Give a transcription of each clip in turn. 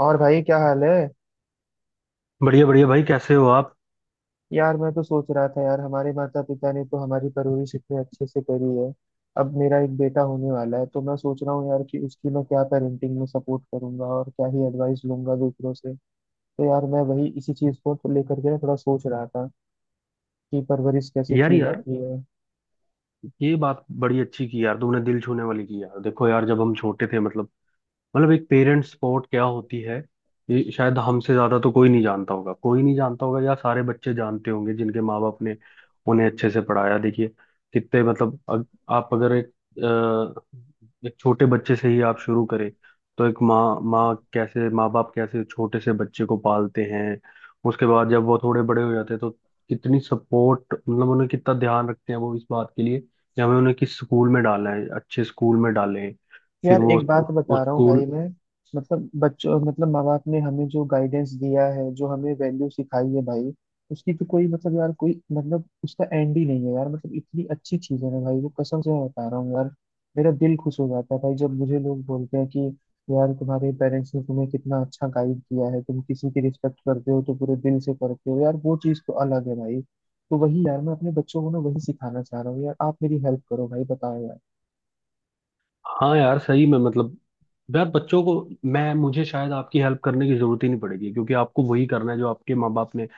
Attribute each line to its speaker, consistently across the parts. Speaker 1: और भाई क्या हाल है।
Speaker 2: बढ़िया बढ़िया भाई, कैसे हो आप?
Speaker 1: यार मैं तो सोच रहा था यार, हमारे माता पिता ने तो हमारी परवरिश इतने अच्छे से करी है। अब मेरा एक बेटा होने वाला है, तो मैं सोच रहा हूँ यार कि उसकी मैं क्या पेरेंटिंग में सपोर्ट करूंगा और क्या ही एडवाइस लूंगा दूसरों से। तो यार मैं वही इसी चीज को तो लेकर के ना थोड़ा सोच रहा था कि परवरिश कैसे
Speaker 2: यार
Speaker 1: की
Speaker 2: यार,
Speaker 1: जाती है।
Speaker 2: ये बात बड़ी अच्छी की यार तुमने, दिल छूने वाली की। यार देखो यार, जब हम छोटे थे, मतलब एक पेरेंट सपोर्ट क्या होती है, ये शायद हमसे ज्यादा तो कोई नहीं जानता होगा। कोई नहीं जानता होगा या सारे बच्चे जानते होंगे जिनके माँ बाप ने उन्हें अच्छे से पढ़ाया। देखिए, कितने मतलब आप अगर एक एक छोटे बच्चे से ही आप शुरू करें, तो एक माँ माँ कैसे माँ बाप कैसे छोटे से बच्चे को पालते हैं। उसके बाद जब वो थोड़े बड़े हो जाते हैं, तो कितनी सपोर्ट मतलब उन्हें कितना ध्यान रखते हैं वो इस बात के लिए कि हमें उन्हें किस स्कूल में डालना है, अच्छे स्कूल में डालें। फिर
Speaker 1: यार
Speaker 2: वो
Speaker 1: एक बात बता
Speaker 2: उस
Speaker 1: रहा हूँ भाई
Speaker 2: स्कूल।
Speaker 1: मैं, मतलब बच्चों, मतलब माँ बाप ने हमें जो गाइडेंस दिया है, जो हमें वैल्यू सिखाई है भाई, उसकी तो कोई मतलब यार, कोई मतलब उसका एंड ही नहीं है यार। मतलब इतनी अच्छी चीज है ना भाई, वो कसम से मैं बता रहा हूँ यार, मेरा दिल खुश हो जाता है भाई जब मुझे लोग बोलते हैं कि यार तुम्हारे पेरेंट्स ने तुम्हें कितना अच्छा गाइड किया है, तुम किसी की रिस्पेक्ट करते हो तो पूरे दिल से करते हो, यार वो चीज़ तो अलग है भाई। तो वही यार मैं अपने बच्चों को ना वही सिखाना चाह रहा हूँ यार, आप मेरी हेल्प करो भाई, बताओ यार।
Speaker 2: हाँ यार, सही में मतलब यार, बच्चों को मैं मुझे शायद आपकी हेल्प करने की जरूरत ही नहीं पड़ेगी, क्योंकि आपको वही करना है जो आपके माँ बाप ने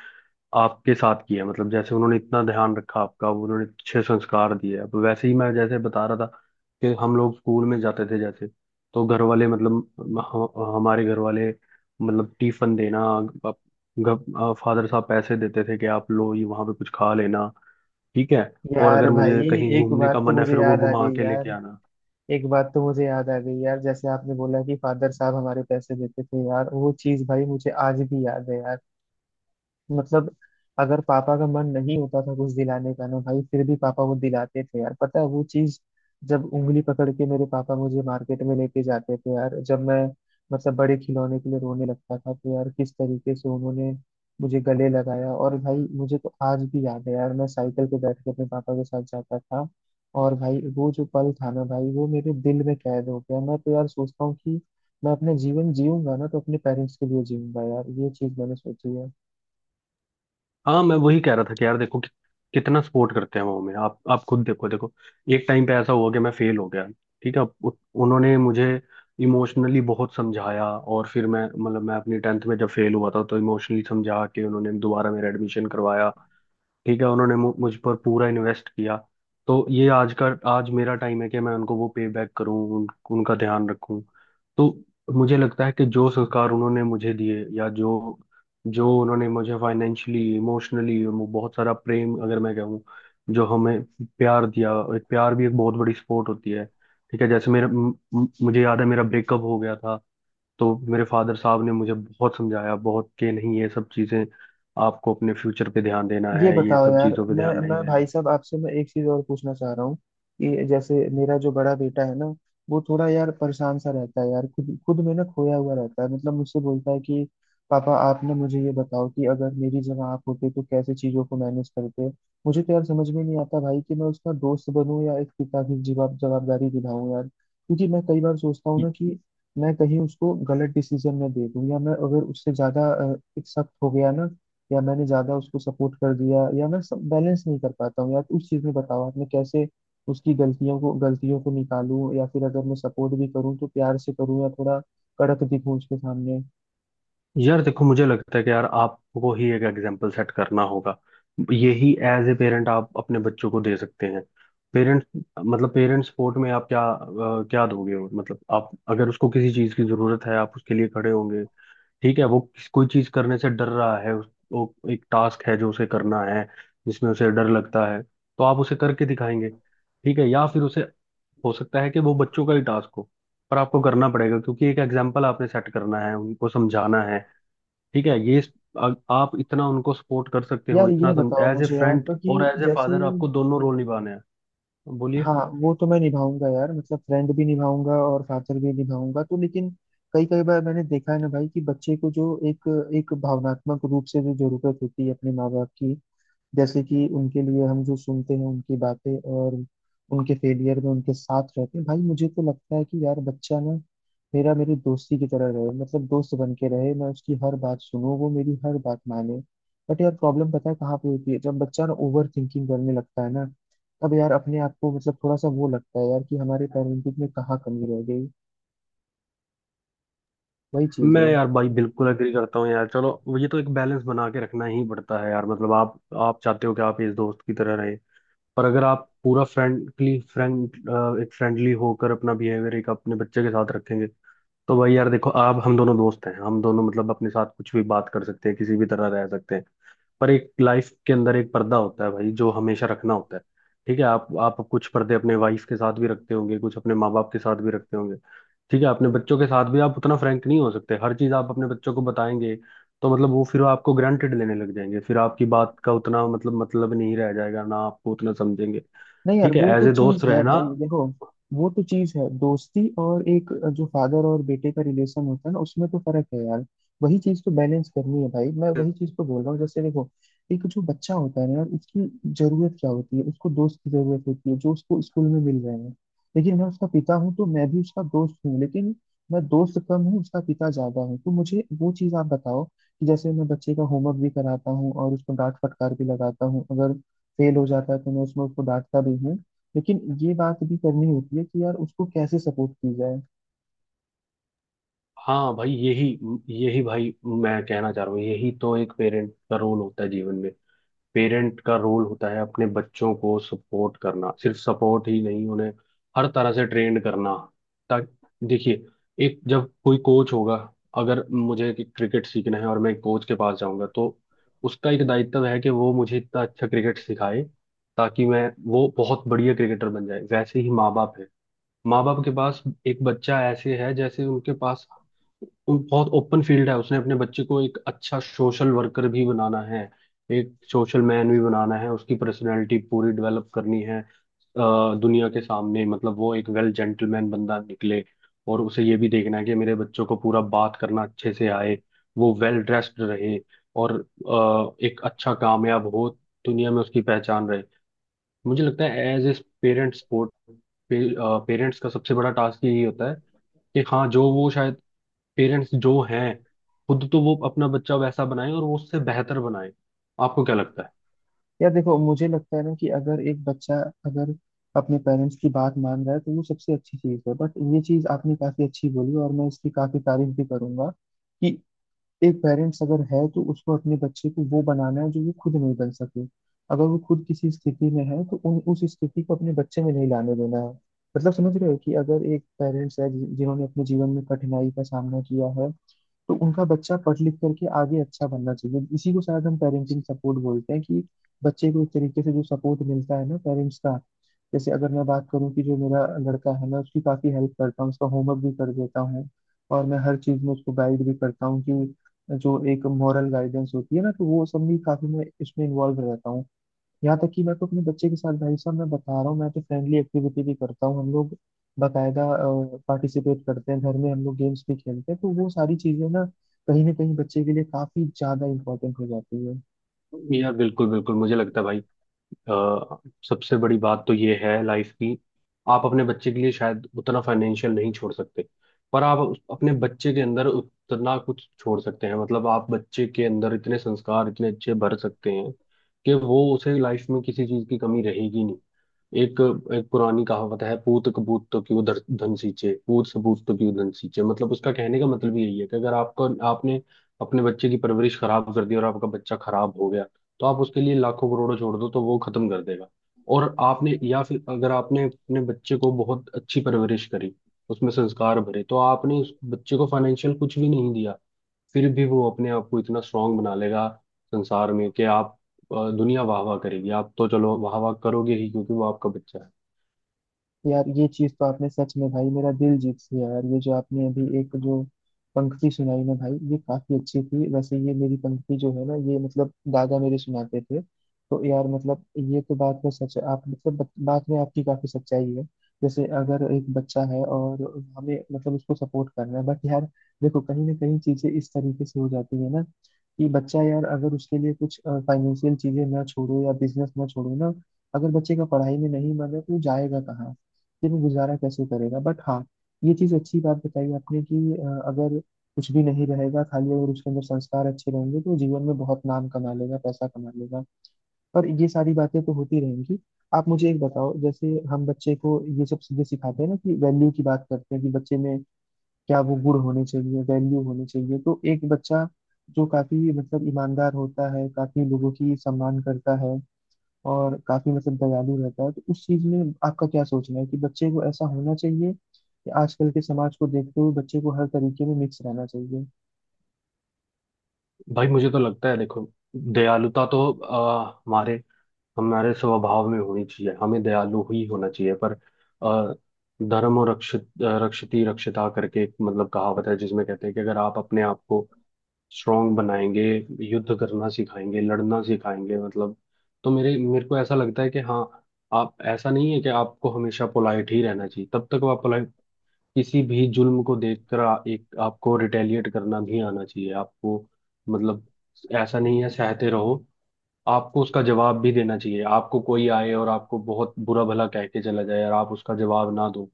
Speaker 2: आपके साथ किया है। मतलब जैसे उन्होंने इतना ध्यान रखा आपका, उन्होंने अच्छे संस्कार दिए, अब वैसे ही। मैं जैसे बता रहा था कि हम लोग स्कूल में जाते थे जैसे, तो घर वाले मतलब हमारे घर वाले मतलब टिफिन देना, फादर साहब पैसे देते थे कि आप लो ये, वहां पे कुछ खा लेना, ठीक है। और
Speaker 1: यार
Speaker 2: अगर
Speaker 1: भाई,
Speaker 2: मुझे कहीं
Speaker 1: एक
Speaker 2: घूमने का
Speaker 1: बात तो
Speaker 2: मन है,
Speaker 1: मुझे
Speaker 2: फिर वो
Speaker 1: याद आ
Speaker 2: घुमा
Speaker 1: गई
Speaker 2: के
Speaker 1: यार,
Speaker 2: लेके आना।
Speaker 1: एक बात तो मुझे याद आ गई यार। जैसे आपने बोला कि फादर साहब हमारे पैसे देते थे यार, वो चीज भाई मुझे आज भी याद है यार। मतलब अगर पापा का मन नहीं होता था कुछ दिलाने का ना भाई, फिर भी पापा वो दिलाते थे यार, पता है वो चीज। जब उंगली पकड़ के मेरे पापा मुझे मार्केट में लेके जाते थे यार, जब मैं, मतलब बड़े खिलौने के लिए रोने लगता था, तो यार किस तरीके से उन्होंने मुझे गले लगाया। और भाई मुझे तो आज भी याद है यार, मैं साइकिल पे बैठ के अपने पापा के साथ जाता था, और भाई वो जो पल था ना भाई, वो मेरे दिल में कैद हो गया। मैं तो यार सोचता हूँ कि मैं अपने जीवन जीऊंगा ना तो अपने पेरेंट्स के लिए जीऊंगा यार, ये चीज मैंने सोची है।
Speaker 2: हाँ, मैं वही कह रहा था कि यार देखो कि कितना सपोर्ट करते हैं वो हमें। आप खुद देखो देखो, एक टाइम पे ऐसा हुआ कि मैं फेल हो गया। ठीक है, उन्होंने मुझे इमोशनली बहुत समझाया, और फिर मैं अपनी टेंथ में जब फेल हुआ था, तो इमोशनली समझा के उन्होंने दोबारा मेरा एडमिशन करवाया। ठीक है, उन्होंने मुझ पर पूरा इन्वेस्ट किया। तो ये आज का, आज मेरा टाइम है कि मैं उनको वो पे बैक करूं, उनका ध्यान रखूं। तो मुझे लगता है कि जो संस्कार उन्होंने मुझे दिए, या जो जो उन्होंने मुझे फाइनेंशियली इमोशनली वो बहुत सारा प्रेम, अगर मैं कहूँ, जो हमें प्यार दिया, एक प्यार भी एक बहुत बड़ी सपोर्ट होती है। ठीक है, जैसे मेरा मुझे याद है मेरा ब्रेकअप हो गया था, तो मेरे फादर साहब ने मुझे बहुत समझाया बहुत, कि नहीं, ये सब चीज़ें, आपको अपने फ्यूचर पे ध्यान देना
Speaker 1: ये
Speaker 2: है, ये
Speaker 1: बताओ
Speaker 2: सब
Speaker 1: यार,
Speaker 2: चीज़ों पे
Speaker 1: मैं
Speaker 2: ध्यान नहीं
Speaker 1: मैं भाई
Speaker 2: देना।
Speaker 1: साहब आपसे मैं एक चीज और पूछना चाह रहा हूँ कि जैसे मेरा जो बड़ा बेटा है ना, वो थोड़ा यार परेशान सा रहता है यार, खुद खुद में ना खोया हुआ रहता है। मतलब मुझसे बोलता है कि पापा आप ना मुझे ये बताओ कि अगर मेरी जगह आप होते तो कैसे चीजों को मैनेज करते। मुझे तो यार समझ में नहीं आता भाई कि मैं उसका दोस्त बनूं या एक पिता की जवाब जवाबदारी दिलाऊं यार, क्योंकि मैं कई बार सोचता हूँ ना कि मैं कहीं उसको गलत डिसीजन न दे दूं, या मैं अगर उससे ज्यादा एक सख्त हो गया ना, या मैंने ज्यादा उसको सपोर्ट कर दिया, या मैं सब बैलेंस नहीं कर पाता हूँ यार उस चीज में। बताओ आप मैं कैसे उसकी गलतियों को निकालूं, या फिर अगर मैं सपोर्ट भी करूँ तो प्यार से करूँ या थोड़ा कड़क दिखूं उसके सामने।
Speaker 2: यार देखो, मुझे लगता है कि यार, आपको ही एक एग्जाम्पल सेट करना होगा। यही एज ए पेरेंट आप अपने बच्चों को दे सकते हैं। पेरेंट्स मतलब पेरेंट्स सपोर्ट में आप क्या क्या दोगे। मतलब आप अगर, उसको किसी चीज़ की ज़रूरत है, आप उसके लिए खड़े होंगे। ठीक है, वो कोई चीज करने से डर रहा है, वो एक टास्क है जो उसे करना है, जिसमें उसे डर लगता है, तो आप उसे करके दिखाएंगे। ठीक है, या फिर उसे, हो सकता है कि वो बच्चों का ही टास्क हो, पर आपको करना पड़ेगा, क्योंकि एक एग्जाम्पल आपने सेट करना है, उनको समझाना है। ठीक है, आप इतना उनको सपोर्ट कर सकते हो।
Speaker 1: यार
Speaker 2: इतना
Speaker 1: ये बताओ
Speaker 2: एज ए
Speaker 1: मुझे आप
Speaker 2: फ्रेंड
Speaker 1: कि
Speaker 2: और एज ए
Speaker 1: जैसे,
Speaker 2: फादर, आपको दोनों रोल निभाने हैं। बोलिए।
Speaker 1: हाँ, वो तो मैं निभाऊंगा यार, मतलब फ्रेंड भी निभाऊंगा और फादर भी निभाऊंगा तो। लेकिन कई कई बार मैंने देखा है ना भाई कि बच्चे को जो एक एक भावनात्मक रूप से जो जरूरत होती है अपने माँ बाप की, जैसे कि उनके लिए हम जो सुनते हैं उनकी बातें, और उनके फेलियर में उनके साथ रहते हैं भाई। मुझे तो लगता है कि यार बच्चा ना मेरा, मेरी दोस्ती की तरह रहे, मतलब दोस्त बन के रहे, मैं उसकी हर बात सुनूं, वो मेरी हर बात माने। बट यार प्रॉब्लम पता है कहाँ पे होती है, जब बच्चा ना ओवर थिंकिंग करने लगता है ना, तब यार अपने आप को मतलब थोड़ा सा वो लगता है यार कि हमारे पेरेंटिंग में कहाँ कमी रह गई। वही चीज
Speaker 2: मैं
Speaker 1: है।
Speaker 2: यार भाई बिल्कुल एग्री करता हूँ यार। चलो, ये तो एक बैलेंस बना के रखना ही पड़ता है यार। मतलब आप चाहते हो कि आप इस दोस्त की तरह रहे, पर अगर आप पूरा फ्रेंडली फ्रेंड, एक फ्रेंडली होकर अपना बिहेवियर एक अपने बच्चे के साथ रखेंगे, तो भाई यार देखो, आप हम दोनों दोस्त हैं, हम दोनों मतलब अपने साथ कुछ भी बात कर सकते हैं, किसी भी तरह रह सकते हैं। पर एक लाइफ के अंदर एक पर्दा होता है भाई, जो हमेशा रखना होता है। ठीक है, आप कुछ पर्दे अपने वाइफ के साथ भी रखते होंगे, कुछ अपने माँ बाप के साथ भी रखते होंगे। ठीक है, अपने बच्चों के साथ भी आप उतना फ्रैंक नहीं हो सकते, हर चीज आप अपने बच्चों को बताएंगे तो मतलब वो फिर आपको ग्रांटेड लेने लग जाएंगे, फिर आपकी बात का उतना मतलब नहीं रह जाएगा ना, आपको उतना समझेंगे।
Speaker 1: नहीं यार,
Speaker 2: ठीक है,
Speaker 1: वो
Speaker 2: एज
Speaker 1: तो
Speaker 2: ए
Speaker 1: चीज
Speaker 2: दोस्त
Speaker 1: है
Speaker 2: रहना।
Speaker 1: भाई, देखो, वो तो चीज है। दोस्ती और एक जो फादर और बेटे का रिलेशन होता है ना, उसमें तो फर्क है यार। वही चीज तो बैलेंस करनी है भाई, मैं वही चीज तो बोल रहा हूँ। जैसे देखो, एक जो बच्चा होता है ना यार, उसकी जरूरत क्या होती है? उसको दोस्त की जरूरत होती है जो उसको स्कूल में मिल रहे हैं। लेकिन मैं उसका पिता हूँ, तो मैं भी उसका दोस्त हूँ, लेकिन मैं दोस्त कम हूँ, उसका पिता ज्यादा हूँ। तो मुझे वो चीज आप बताओ कि जैसे मैं बच्चे का होमवर्क भी कराता हूँ और उसको डांट फटकार भी लगाता हूँ, अगर फेल हो जाता है तो मैं उसमें उसको डांटता भी हूँ, लेकिन ये बात भी करनी होती है कि यार उसको कैसे सपोर्ट की जाए।
Speaker 2: हाँ भाई, यही यही भाई मैं कहना चाह रहा हूँ, यही तो एक पेरेंट का रोल होता है जीवन में। पेरेंट का रोल होता है अपने बच्चों को सपोर्ट करना, सिर्फ सपोर्ट ही नहीं, उन्हें हर तरह से ट्रेंड करना। ताकि देखिए, एक जब कोई कोच होगा, अगर मुझे क्रिकेट सीखना है और मैं कोच के पास जाऊंगा, तो उसका एक दायित्व है कि वो मुझे इतना अच्छा क्रिकेट सिखाए ताकि मैं वो बहुत बढ़िया क्रिकेटर बन जाए। वैसे ही माँ बाप के पास एक बच्चा ऐसे है, जैसे उनके पास बहुत ओपन फील्ड है। उसने अपने बच्चे को एक अच्छा सोशल वर्कर भी बनाना है, एक सोशल मैन भी बनाना है, उसकी पर्सनैलिटी पूरी डेवलप करनी है, दुनिया के सामने मतलब वो एक वेल जेंटलमैन बंदा निकले। और उसे ये भी देखना है कि मेरे बच्चों को पूरा बात करना अच्छे से आए, वो वेल ड्रेस्ड रहे, और एक अच्छा कामयाब हो, दुनिया में उसकी पहचान रहे। मुझे लगता है as a parent support, parents का सबसे बड़ा टास्क यही होता है कि हाँ, जो वो शायद पेरेंट्स जो हैं खुद, तो वो अपना बच्चा वैसा बनाए, और वो उससे बेहतर बनाए। आपको क्या लगता
Speaker 1: यार देखो, मुझे लगता है ना कि अगर एक बच्चा, अगर अपने पेरेंट्स की बात मान रहा है तो वो सबसे अच्छी चीज़ है। बट ये चीज़ आपने काफ़ी अच्छी बोली, और मैं इसकी काफ़ी तारीफ भी करूंगा कि एक पेरेंट्स अगर है तो उसको अपने बच्चे को वो बनाना है जो वो खुद नहीं बन सके। अगर वो खुद किसी स्थिति में है तो उन उस स्थिति को अपने बच्चे में नहीं लाने देना है। मतलब समझ रहे हो कि अगर एक पेरेंट्स है जिन्होंने अपने जीवन में कठिनाई का सामना किया है, तो उनका बच्चा पढ़ लिख करके आगे अच्छा बनना चाहिए। इसी को शायद हम पेरेंटिंग सपोर्ट बोलते हैं कि बच्चे को एक तरीके से जो सपोर्ट मिलता है ना पेरेंट्स का। जैसे अगर मैं बात करूं कि जो मेरा लड़का है, मैं उसकी काफी हेल्प करता हूँ, उसका होमवर्क भी कर देता हूँ, और मैं हर चीज में उसको गाइड भी करता हूँ कि जो एक मॉरल गाइडेंस होती है ना, तो वो सब भी काफी मैं इसमें इन्वॉल्व रहता हूँ। यहाँ तक कि मैं तो अपने बच्चे के साथ भाई साहब मैं बता रहा हूँ, मैं तो फ्रेंडली एक्टिविटी भी करता हूँ, हम लोग बाकायदा पार्टिसिपेट करते हैं घर में, हम लोग गेम्स भी खेलते हैं। तो वो सारी चीजें ना कहीं बच्चे के लिए काफी ज्यादा इंपॉर्टेंट हो जाती है।
Speaker 2: है? यार बिल्कुल बिल्कुल, मुझे लगता है भाई, अ, सबसे बड़ी बात तो ये है लाइफ की, आप अपने बच्चे के लिए शायद उतना फाइनेंशियल नहीं छोड़ सकते, पर आप अपने बच्चे के अंदर उतना कुछ छोड़ सकते हैं। मतलब आप बच्चे के अंदर इतने संस्कार, इतने अच्छे भर सकते हैं कि वो उसे लाइफ में किसी चीज की कमी रहेगी नहीं। एक एक पुरानी कहावत है, पूत कपूत तो क्यों धन सींचे, पूत सबूत तो क्यों धन सींचे। मतलब उसका कहने का मतलब यही है कि अगर आपको, आपने अपने बच्चे की परवरिश खराब कर दी और आपका बच्चा खराब हो गया, तो आप उसके लिए लाखों करोड़ों छोड़ दो तो वो खत्म कर देगा। और आपने, या फिर अगर आपने अपने बच्चे को बहुत अच्छी परवरिश करी, उसमें संस्कार भरे, तो आपने उस बच्चे को फाइनेंशियल कुछ भी नहीं दिया, फिर भी वो अपने आप को इतना स्ट्रांग बना लेगा संसार में कि आप, दुनिया वाह वाह करेगी, आप तो चलो वाह वाह करोगे ही क्योंकि वो आपका बच्चा है।
Speaker 1: यार ये चीज तो आपने सच में भाई मेरा दिल जीत लिया यार। ये जो आपने अभी एक जो पंक्ति सुनाई ना भाई, ये काफी अच्छी थी। वैसे ये मेरी पंक्ति जो है ना, ये मतलब दादा मेरे सुनाते थे। तो यार मतलब ये तो बात में सच है। आप मतलब बात में आपकी काफी सच्चाई है। जैसे अगर एक बच्चा है और हमें मतलब उसको सपोर्ट करना है, बट यार देखो कहीं ना कहीं चीजें इस तरीके से हो जाती है ना कि बच्चा यार, अगर उसके लिए कुछ फाइनेंशियल चीजें ना छोड़ो या बिजनेस ना छोड़ो ना, अगर बच्चे का पढ़ाई में नहीं मन है तो वो जाएगा कहाँ, फिर वो गुजारा कैसे करेगा? बट हाँ, ये चीज अच्छी बात बताई आपने कि अगर कुछ भी नहीं रहेगा खाली, अगर उसके अंदर संस्कार अच्छे रहेंगे तो वो जीवन में बहुत नाम कमा लेगा, पैसा कमा लेगा। पर ये सारी बातें तो होती रहेंगी। आप मुझे एक बताओ, जैसे हम बच्चे को ये सब चीजें सिखाते हैं ना कि वैल्यू की बात करते हैं कि बच्चे में क्या वो गुण होने चाहिए, वैल्यू होने चाहिए। तो एक बच्चा जो काफी मतलब ईमानदार होता है, काफी लोगों की सम्मान करता है, और काफी मतलब दयालु रहता है, तो उस चीज में आपका क्या सोचना है? कि बच्चे को ऐसा होना चाहिए, कि आजकल के समाज को देखते हुए बच्चे को हर तरीके में मिक्स रहना चाहिए।
Speaker 2: भाई मुझे तो लगता है, देखो, दयालुता तो हमारे हमारे स्वभाव में होनी चाहिए, हमें दयालु ही होना चाहिए। पर अ, धर्म और रक्षित रक्षिति रक्षिता करके एक मतलब कहावत है, जिसमें कहते हैं कि अगर आप अपने आप को स्ट्रांग बनाएंगे, युद्ध करना सिखाएंगे, लड़ना सिखाएंगे मतलब, तो मेरे मेरे को ऐसा लगता है कि हाँ, आप, ऐसा नहीं है कि आपको हमेशा पोलाइट ही रहना चाहिए, तब तक आप पोलाइट, किसी भी जुल्म को देखकर एक आपको रिटेलिएट करना भी आना चाहिए आपको। मतलब ऐसा नहीं है सहते रहो, आपको उसका जवाब भी देना चाहिए। आपको कोई आए और आपको बहुत बुरा भला कह के चला जाए और आप उसका जवाब ना दो,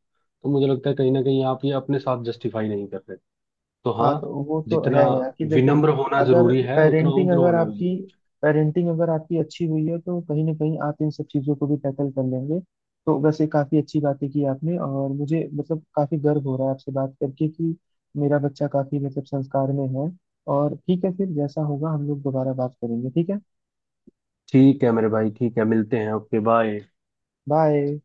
Speaker 2: तो मुझे लगता है कहीं ना कहीं आप ये अपने साथ जस्टिफाई नहीं कर रहे। तो हाँ,
Speaker 1: हाँ, तो वो तो है
Speaker 2: जितना
Speaker 1: यार कि देखो,
Speaker 2: विनम्र होना जरूरी है, उतना उग्र
Speaker 1: अगर
Speaker 2: होना भी
Speaker 1: आपकी
Speaker 2: जरूरी है।
Speaker 1: पेरेंटिंग अगर आपकी अच्छी हुई है तो कहीं ना कहीं आप इन सब चीज़ों को भी टैकल कर लेंगे। तो वैसे काफ़ी अच्छी बातें की आपने, और मुझे मतलब काफ़ी गर्व हो रहा है आपसे बात करके कि मेरा बच्चा काफ़ी मतलब संस्कार में है। और ठीक है, फिर जैसा होगा हम लोग दोबारा बात करेंगे। ठीक है,
Speaker 2: ठीक है मेरे भाई, ठीक है, मिलते हैं, ओके बाय।
Speaker 1: बाय।